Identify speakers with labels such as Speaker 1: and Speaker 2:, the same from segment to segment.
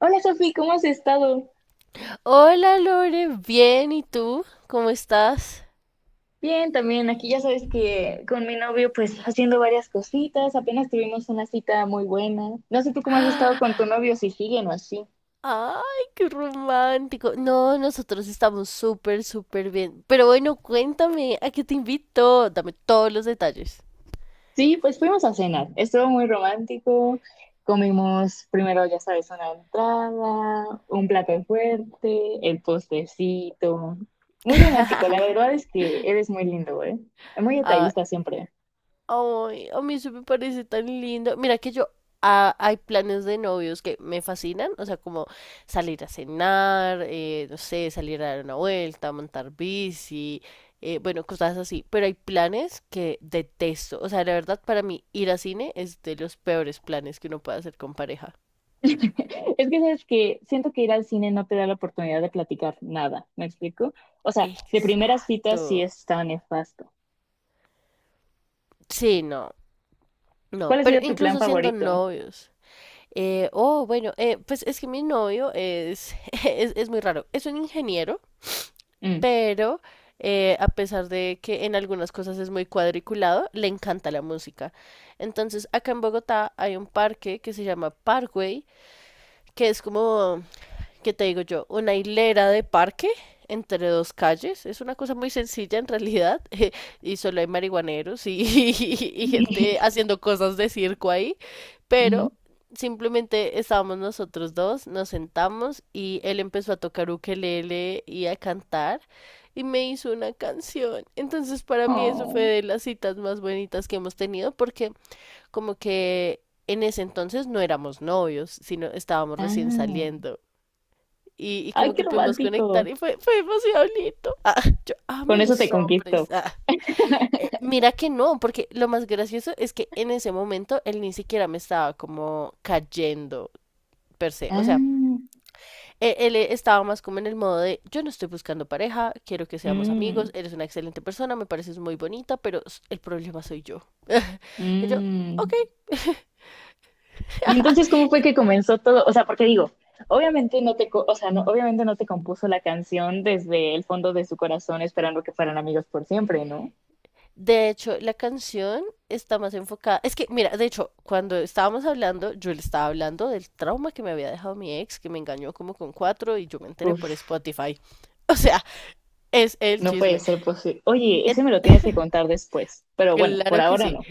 Speaker 1: Hola Sofi, ¿cómo has estado?
Speaker 2: Hola Lore, bien, ¿y tú? ¿Cómo estás?
Speaker 1: Bien, también aquí ya sabes que con mi novio pues haciendo varias cositas, apenas tuvimos una cita muy buena. No sé tú cómo has estado con tu novio, si siguen o así.
Speaker 2: Ay, qué romántico. No, nosotros estamos súper, súper bien. Pero bueno, cuéntame, ¿a qué te invito? Dame todos los detalles.
Speaker 1: Sí, pues fuimos a cenar, estuvo muy romántico, comimos primero ya sabes una entrada, un plato fuerte, el postrecito. Muy romántico, la verdad es que eres muy lindo, ¿eh? Muy
Speaker 2: Ah,
Speaker 1: detallista siempre.
Speaker 2: Ay, a mí eso me parece tan lindo. Mira que yo, hay planes de novios que me fascinan, o sea, como salir a cenar, no sé, salir a dar una vuelta, montar bici, bueno, cosas así. Pero hay planes que detesto. O sea, la verdad, para mí ir a cine es de los peores planes que uno puede hacer con pareja.
Speaker 1: Es que sabes que siento que ir al cine no te da la oportunidad de platicar nada, ¿me explico? O sea, de
Speaker 2: Exacto.
Speaker 1: primeras citas sí está nefasto.
Speaker 2: Sí, no, no,
Speaker 1: ¿Cuál ha
Speaker 2: pero
Speaker 1: sido tu plan
Speaker 2: incluso siendo
Speaker 1: favorito?
Speaker 2: novios. Oh, bueno, pues es que mi novio es, es muy raro. Es un ingeniero.
Speaker 1: Mm.
Speaker 2: Pero a pesar de que en algunas cosas es muy cuadriculado, le encanta la música. Entonces, acá en Bogotá hay un parque que se llama Parkway, que es como ¿qué te digo yo? Una hilera de parque entre dos calles. Es una cosa muy sencilla en realidad. Y solo hay marihuaneros y, y gente haciendo cosas de circo ahí.
Speaker 1: Ujú.
Speaker 2: Pero simplemente estábamos nosotros dos, nos sentamos y él empezó a tocar ukelele y a cantar. Y me hizo una canción. Entonces para mí eso fue
Speaker 1: Oh.
Speaker 2: de las citas más bonitas que hemos tenido porque como que en ese entonces no éramos novios, sino estábamos recién
Speaker 1: Ah.
Speaker 2: saliendo y
Speaker 1: Ay,
Speaker 2: como
Speaker 1: qué
Speaker 2: que pudimos conectar
Speaker 1: romántico.
Speaker 2: y fue demasiado lindo. Ah, yo amo
Speaker 1: Con eso te
Speaker 2: los
Speaker 1: conquisto.
Speaker 2: hombres. Ah. Mira que no, porque lo más gracioso es que en ese momento él ni siquiera me estaba como cayendo per se. O sea,
Speaker 1: Ah.
Speaker 2: él, estaba más como en el modo de yo no estoy buscando pareja, quiero que seamos amigos,
Speaker 1: Mm.
Speaker 2: eres una excelente persona, me pareces muy bonita, pero el problema soy yo. Y yo,
Speaker 1: Mm.
Speaker 2: ok.
Speaker 1: Y entonces, ¿cómo fue que comenzó todo? O sea, porque digo, obviamente no te, o sea, no, obviamente no te compuso la canción desde el fondo de su corazón esperando que fueran amigos por siempre, ¿no?
Speaker 2: De hecho, la canción está más enfocada. Es que, mira, de hecho, cuando estábamos hablando, yo le estaba hablando del trauma que me había dejado mi ex, que me engañó como con cuatro y yo me enteré por
Speaker 1: Uf.
Speaker 2: Spotify. O sea, es el
Speaker 1: No puede
Speaker 2: chisme.
Speaker 1: ser posible. Oye,
Speaker 2: En-
Speaker 1: ese me lo tienes que contar después. Pero bueno, por
Speaker 2: Claro que
Speaker 1: ahora
Speaker 2: sí.
Speaker 1: no.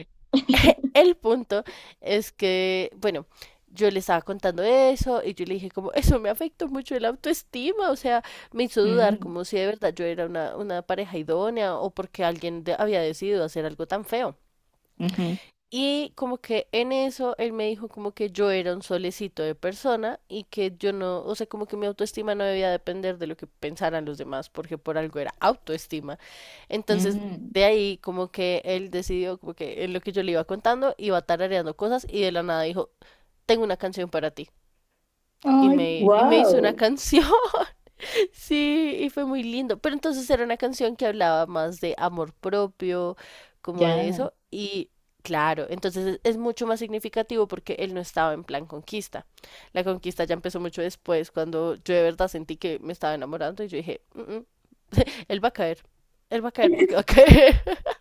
Speaker 2: El punto es que, bueno, yo le estaba contando eso y yo le dije como, eso me afectó mucho el autoestima, o sea, me hizo dudar
Speaker 1: Mm,
Speaker 2: como si de verdad yo era una pareja idónea o porque alguien había decidido hacer algo tan feo.
Speaker 1: ujú,
Speaker 2: Y como que en eso él me dijo como que yo era un solecito de persona y que yo no, o sea, como que mi autoestima no debía depender de lo que pensaran los demás, porque por algo era autoestima. Entonces,
Speaker 1: mm.
Speaker 2: de ahí como que él decidió como que en lo que yo le iba contando iba tarareando cosas y de la nada dijo, tengo una canción para ti. Y
Speaker 1: Ay,
Speaker 2: me, y me hizo una
Speaker 1: wow.
Speaker 2: canción. Sí, y fue muy lindo. Pero entonces era una canción que hablaba más de amor propio, como de
Speaker 1: Ya.
Speaker 2: eso. Y claro, entonces es mucho más significativo porque él no estaba en plan conquista. La conquista ya empezó mucho después, cuando yo de verdad sentí que me estaba enamorando y yo dije, "Mm, mm, él va a caer, él va a caer porque va a caer."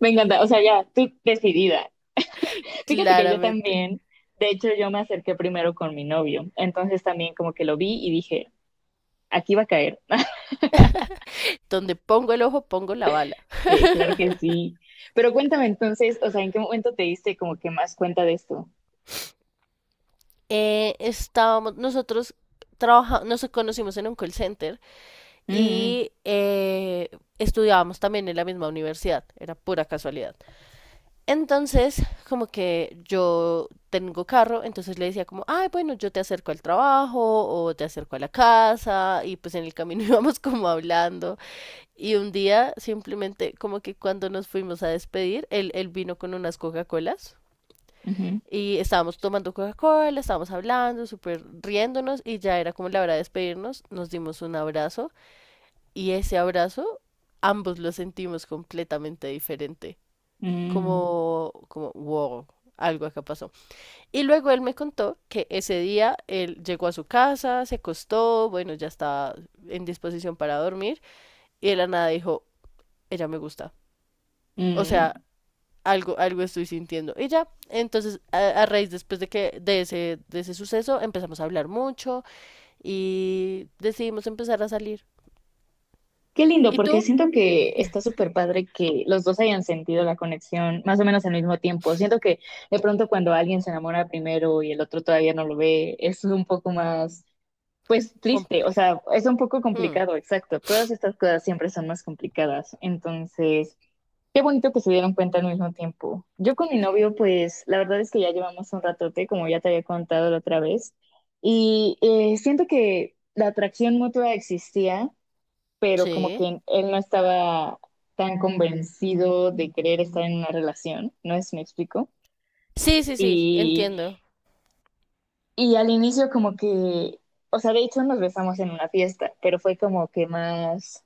Speaker 1: Me encanta. O sea, ya, tú decidida. Fíjate que yo
Speaker 2: Claramente.
Speaker 1: también, de hecho, yo me acerqué primero con mi novio. Entonces también como que lo vi y dije, aquí va a caer.
Speaker 2: Donde pongo el ojo, pongo la bala.
Speaker 1: Claro que sí. Pero cuéntame entonces, o sea, ¿en qué momento te diste como que más cuenta de esto?
Speaker 2: Nosotros trabajamos, nos conocimos en un call center.
Speaker 1: Mm,
Speaker 2: Y estudiábamos también en la misma universidad, era pura casualidad. Entonces, como que yo tengo carro, entonces le decía como, ay, bueno, yo te acerco al trabajo o te acerco a la casa y pues en el camino íbamos como hablando y un día simplemente como que cuando nos fuimos a despedir, él vino con unas Coca-Colas.
Speaker 1: ujú,
Speaker 2: Y estábamos tomando Coca-Cola, estábamos hablando, súper riéndonos y ya era como la hora de despedirnos. Nos dimos un abrazo y ese abrazo, ambos lo sentimos completamente diferente.
Speaker 1: mm,
Speaker 2: Como, wow, algo acá pasó. Y luego él me contó que ese día él llegó a su casa, se acostó, bueno, ya estaba en disposición para dormir, y de la nada dijo, ella me gusta. O
Speaker 1: mm.
Speaker 2: sea, algo estoy sintiendo. Y ya, entonces, a raíz después de ese suceso, empezamos a hablar mucho y decidimos empezar a salir.
Speaker 1: Qué lindo,
Speaker 2: ¿Y
Speaker 1: porque
Speaker 2: tú?
Speaker 1: siento que está súper padre que los dos hayan sentido la conexión más o menos al mismo tiempo. Siento que de pronto cuando alguien se enamora primero y el otro todavía no lo ve, es un poco más, pues triste, o
Speaker 2: Complejo.
Speaker 1: sea, es un poco
Speaker 2: Hmm,
Speaker 1: complicado, exacto. Todas estas cosas siempre son más complicadas. Entonces, qué bonito que se dieron cuenta al mismo tiempo. Yo con mi novio, pues la verdad es que ya llevamos un ratote, como ya te había contado la otra vez, y siento que la atracción mutua existía pero como
Speaker 2: sí.
Speaker 1: que él no estaba tan convencido de querer estar en una relación, no es me explico.
Speaker 2: Sí, sí, sí,
Speaker 1: Y,
Speaker 2: entiendo.
Speaker 1: y al inicio como que, o sea, de hecho nos besamos en una fiesta, pero fue como que más,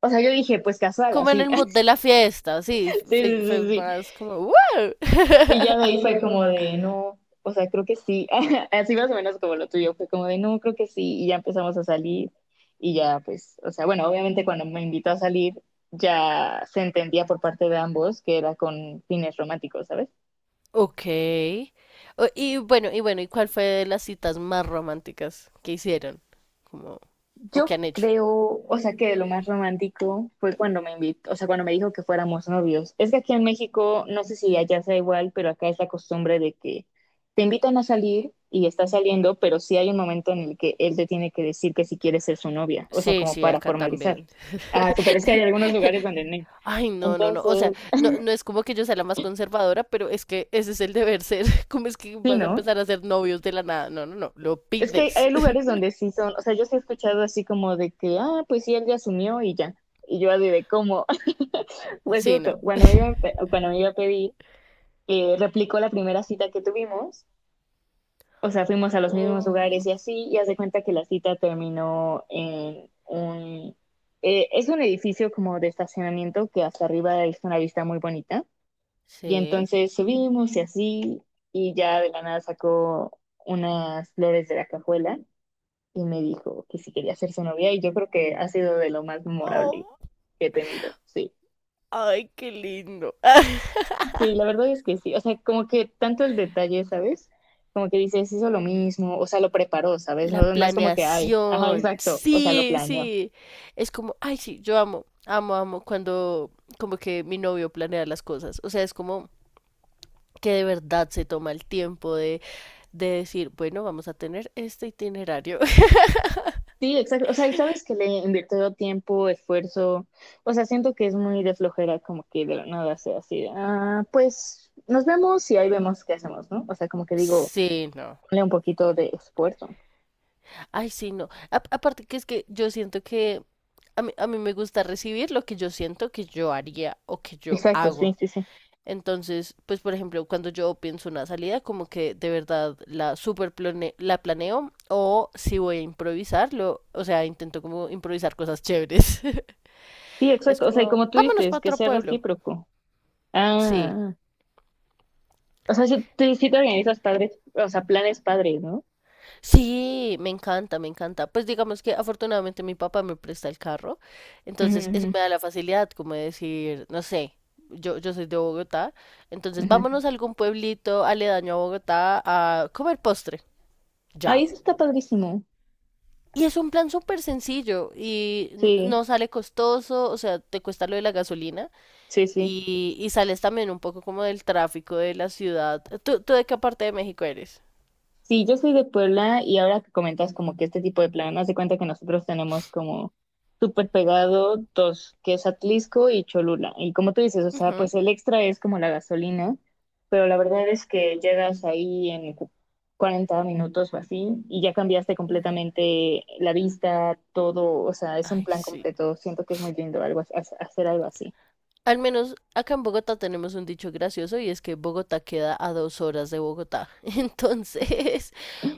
Speaker 1: o sea, yo dije, pues casual,
Speaker 2: Como en
Speaker 1: así,
Speaker 2: el mood
Speaker 1: sí,
Speaker 2: de la fiesta, sí,
Speaker 1: sí,
Speaker 2: fue
Speaker 1: sí, sí,
Speaker 2: más como ¡wow!
Speaker 1: y ya de ahí fue como de, no, o sea, creo que sí. Así más o menos como lo tuyo, fue como de, no, creo que sí. Y ya empezamos a salir. Y ya, pues, o sea, bueno, obviamente cuando me invitó a salir, ya se entendía por parte de ambos que era con fines románticos, ¿sabes?
Speaker 2: Ok. Y bueno, ¿y cuál fue de las citas más románticas que hicieron? Como, o
Speaker 1: Yo
Speaker 2: que han hecho.
Speaker 1: creo, o sea, que lo más romántico fue cuando me invitó, o sea, cuando me dijo que fuéramos novios. Es que aquí en México, no sé si allá sea igual, pero acá es la costumbre de que te invitan a salir y estás saliendo, pero sí hay un momento en el que él te tiene que decir que si quieres ser su novia, o sea,
Speaker 2: Sí,
Speaker 1: como
Speaker 2: sí,
Speaker 1: para
Speaker 2: acá
Speaker 1: formalizar.
Speaker 2: también.
Speaker 1: Ah, sí, pero es que hay algunos lugares donde no.
Speaker 2: Ay, no, no, no. O sea,
Speaker 1: Entonces,
Speaker 2: no, no es como que yo sea la más conservadora, pero es que ese es el deber ser. ¿Cómo es que
Speaker 1: sí,
Speaker 2: vas a
Speaker 1: ¿no?
Speaker 2: empezar a ser novios de la nada? No, no, no. Lo
Speaker 1: Es que
Speaker 2: pides.
Speaker 1: hay lugares donde sí son, o sea, yo sí he escuchado así como de que, ah, pues sí, él ya asumió y ya. Y yo así de cómo. Pues
Speaker 2: Sí, no.
Speaker 1: cierto, cuando me iba, cuando me iba a pedir, replicó la primera cita que tuvimos, o sea, fuimos a los mismos
Speaker 2: Um,
Speaker 1: lugares y así, y hace cuenta que la cita terminó en un... es un edificio como de estacionamiento que hasta arriba es una vista muy bonita. Y
Speaker 2: sí.
Speaker 1: entonces subimos y así, y ya de la nada sacó unas flores de la cajuela y me dijo que si quería ser su novia y yo creo que ha sido de lo más memorable
Speaker 2: Oh,
Speaker 1: que he tenido, sí.
Speaker 2: ay, qué lindo.
Speaker 1: Sí, la verdad es que sí, o sea, como que tanto el detalle, ¿sabes? Como que dices, hizo lo mismo, o sea, lo preparó, ¿sabes?
Speaker 2: La
Speaker 1: No, no es como que, ay, ajá,
Speaker 2: planeación.
Speaker 1: exacto, o sea, lo
Speaker 2: Sí,
Speaker 1: planeó.
Speaker 2: sí. Es como, ay, sí, yo amo, amo, amo cuando como que mi novio planea las cosas. O sea, es como que de verdad se toma el tiempo de decir, bueno, vamos a tener este itinerario.
Speaker 1: Sí, exacto, o sea, y sabes que le invirtió tiempo, esfuerzo, o sea, siento que es muy de flojera como que de la nada sea así, de, ah, pues nos vemos y ahí vemos qué hacemos, ¿no? O sea, como que digo,
Speaker 2: Sí, no.
Speaker 1: ponle un poquito de esfuerzo.
Speaker 2: Ay, sí, no. Aparte que es que yo siento que a mí me gusta recibir lo que yo siento que yo haría o que yo
Speaker 1: Exacto,
Speaker 2: hago.
Speaker 1: sí, sí, sí.
Speaker 2: Entonces, pues por ejemplo, cuando yo pienso una salida, como que de verdad la planeo o si voy a improvisarlo, o sea, intento como improvisar cosas chéveres.
Speaker 1: Sí,
Speaker 2: Es
Speaker 1: exacto. O sea, y
Speaker 2: como,
Speaker 1: como tú
Speaker 2: vámonos para
Speaker 1: dices, que
Speaker 2: otro
Speaker 1: sea
Speaker 2: pueblo.
Speaker 1: recíproco.
Speaker 2: Sí,
Speaker 1: Ah, o sea, si tú sí te organizas padres, o sea, planes padres, ¿no?
Speaker 2: sí, me encanta, me encanta. Pues digamos que afortunadamente mi papá me presta el carro, entonces eso
Speaker 1: Ujú,
Speaker 2: me da la facilidad como de decir, no sé, yo soy de Bogotá, entonces
Speaker 1: ujú, ujú.
Speaker 2: vámonos a algún pueblito aledaño a Bogotá a comer postre.
Speaker 1: Ahí
Speaker 2: Ya.
Speaker 1: eso está padrísimo.
Speaker 2: Y es un plan súper sencillo y
Speaker 1: Sí,
Speaker 2: no sale costoso, o sea, te cuesta lo de la gasolina
Speaker 1: sí, sí.
Speaker 2: y sales también un poco como del tráfico de la ciudad. ¿Tú, de qué parte de México eres?
Speaker 1: Sí, yo soy de Puebla y ahora que comentas como que este tipo de plan, haz de cuenta que nosotros tenemos como súper pegado dos, que es Atlisco y Cholula. Y como tú dices, o sea,
Speaker 2: Ujú.
Speaker 1: pues el extra es como la gasolina, pero la verdad es que llegas ahí en 40 minutos o así y ya cambiaste
Speaker 2: Mm.
Speaker 1: completamente la vista, todo, o sea, es un
Speaker 2: Ay,
Speaker 1: plan
Speaker 2: sí.
Speaker 1: completo. Siento que es muy lindo algo, hacer algo así.
Speaker 2: Al menos acá en Bogotá tenemos un dicho gracioso y es que Bogotá queda a 2 horas de Bogotá. Entonces,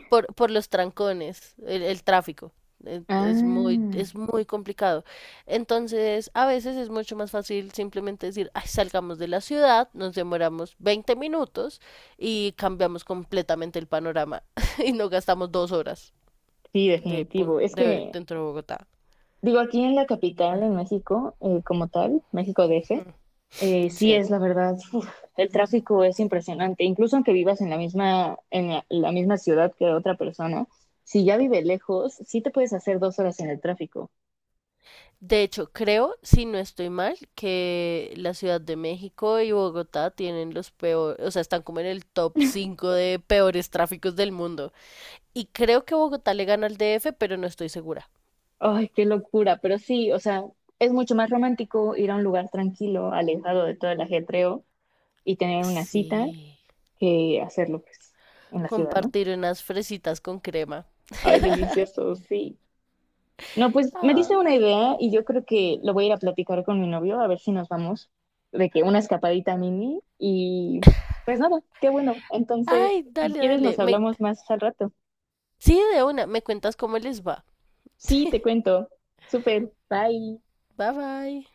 Speaker 2: por los trancones, el tráfico. Es muy,
Speaker 1: Ah,
Speaker 2: es muy complicado. Entonces, a veces es mucho más fácil simplemente decir, "Ay, salgamos de la ciudad, nos demoramos 20 minutos y cambiamos completamente el panorama y no gastamos 2 horas
Speaker 1: sí, definitivo. Es que
Speaker 2: dentro de Bogotá."
Speaker 1: digo, aquí en la capital, en México, como tal, México DF,
Speaker 2: Mm,
Speaker 1: sí
Speaker 2: sí.
Speaker 1: es la verdad, uf, el tráfico es impresionante. Incluso aunque vivas en la misma, en la misma ciudad que otra persona, si ya vive lejos, sí te puedes hacer 2 horas en el tráfico.
Speaker 2: De hecho, creo, si no estoy mal, que la Ciudad de México y Bogotá tienen los peores, o sea, están como en el top 5 de peores tráficos del mundo. Y creo que Bogotá le gana al DF, pero no estoy segura.
Speaker 1: Ay, qué locura, pero sí, o sea, es mucho más romántico ir a un lugar tranquilo, alejado de todo el ajetreo y tener una cita
Speaker 2: Sí.
Speaker 1: que hacerlo, pues, en la ciudad, ¿no?
Speaker 2: Compartir unas fresitas con crema.
Speaker 1: Ay, delicioso, sí. No, pues me dice
Speaker 2: Ah,
Speaker 1: una idea y yo creo que lo voy a ir a platicar con mi novio a ver si nos vamos de que una escapadita mini y pues nada, qué bueno. Entonces,
Speaker 2: ay,
Speaker 1: si
Speaker 2: dale,
Speaker 1: quieres nos
Speaker 2: dale. Me.
Speaker 1: hablamos más al rato.
Speaker 2: Sí, de una. Me cuentas cómo les va.
Speaker 1: Sí, te cuento. Súper, bye.
Speaker 2: Bye bye.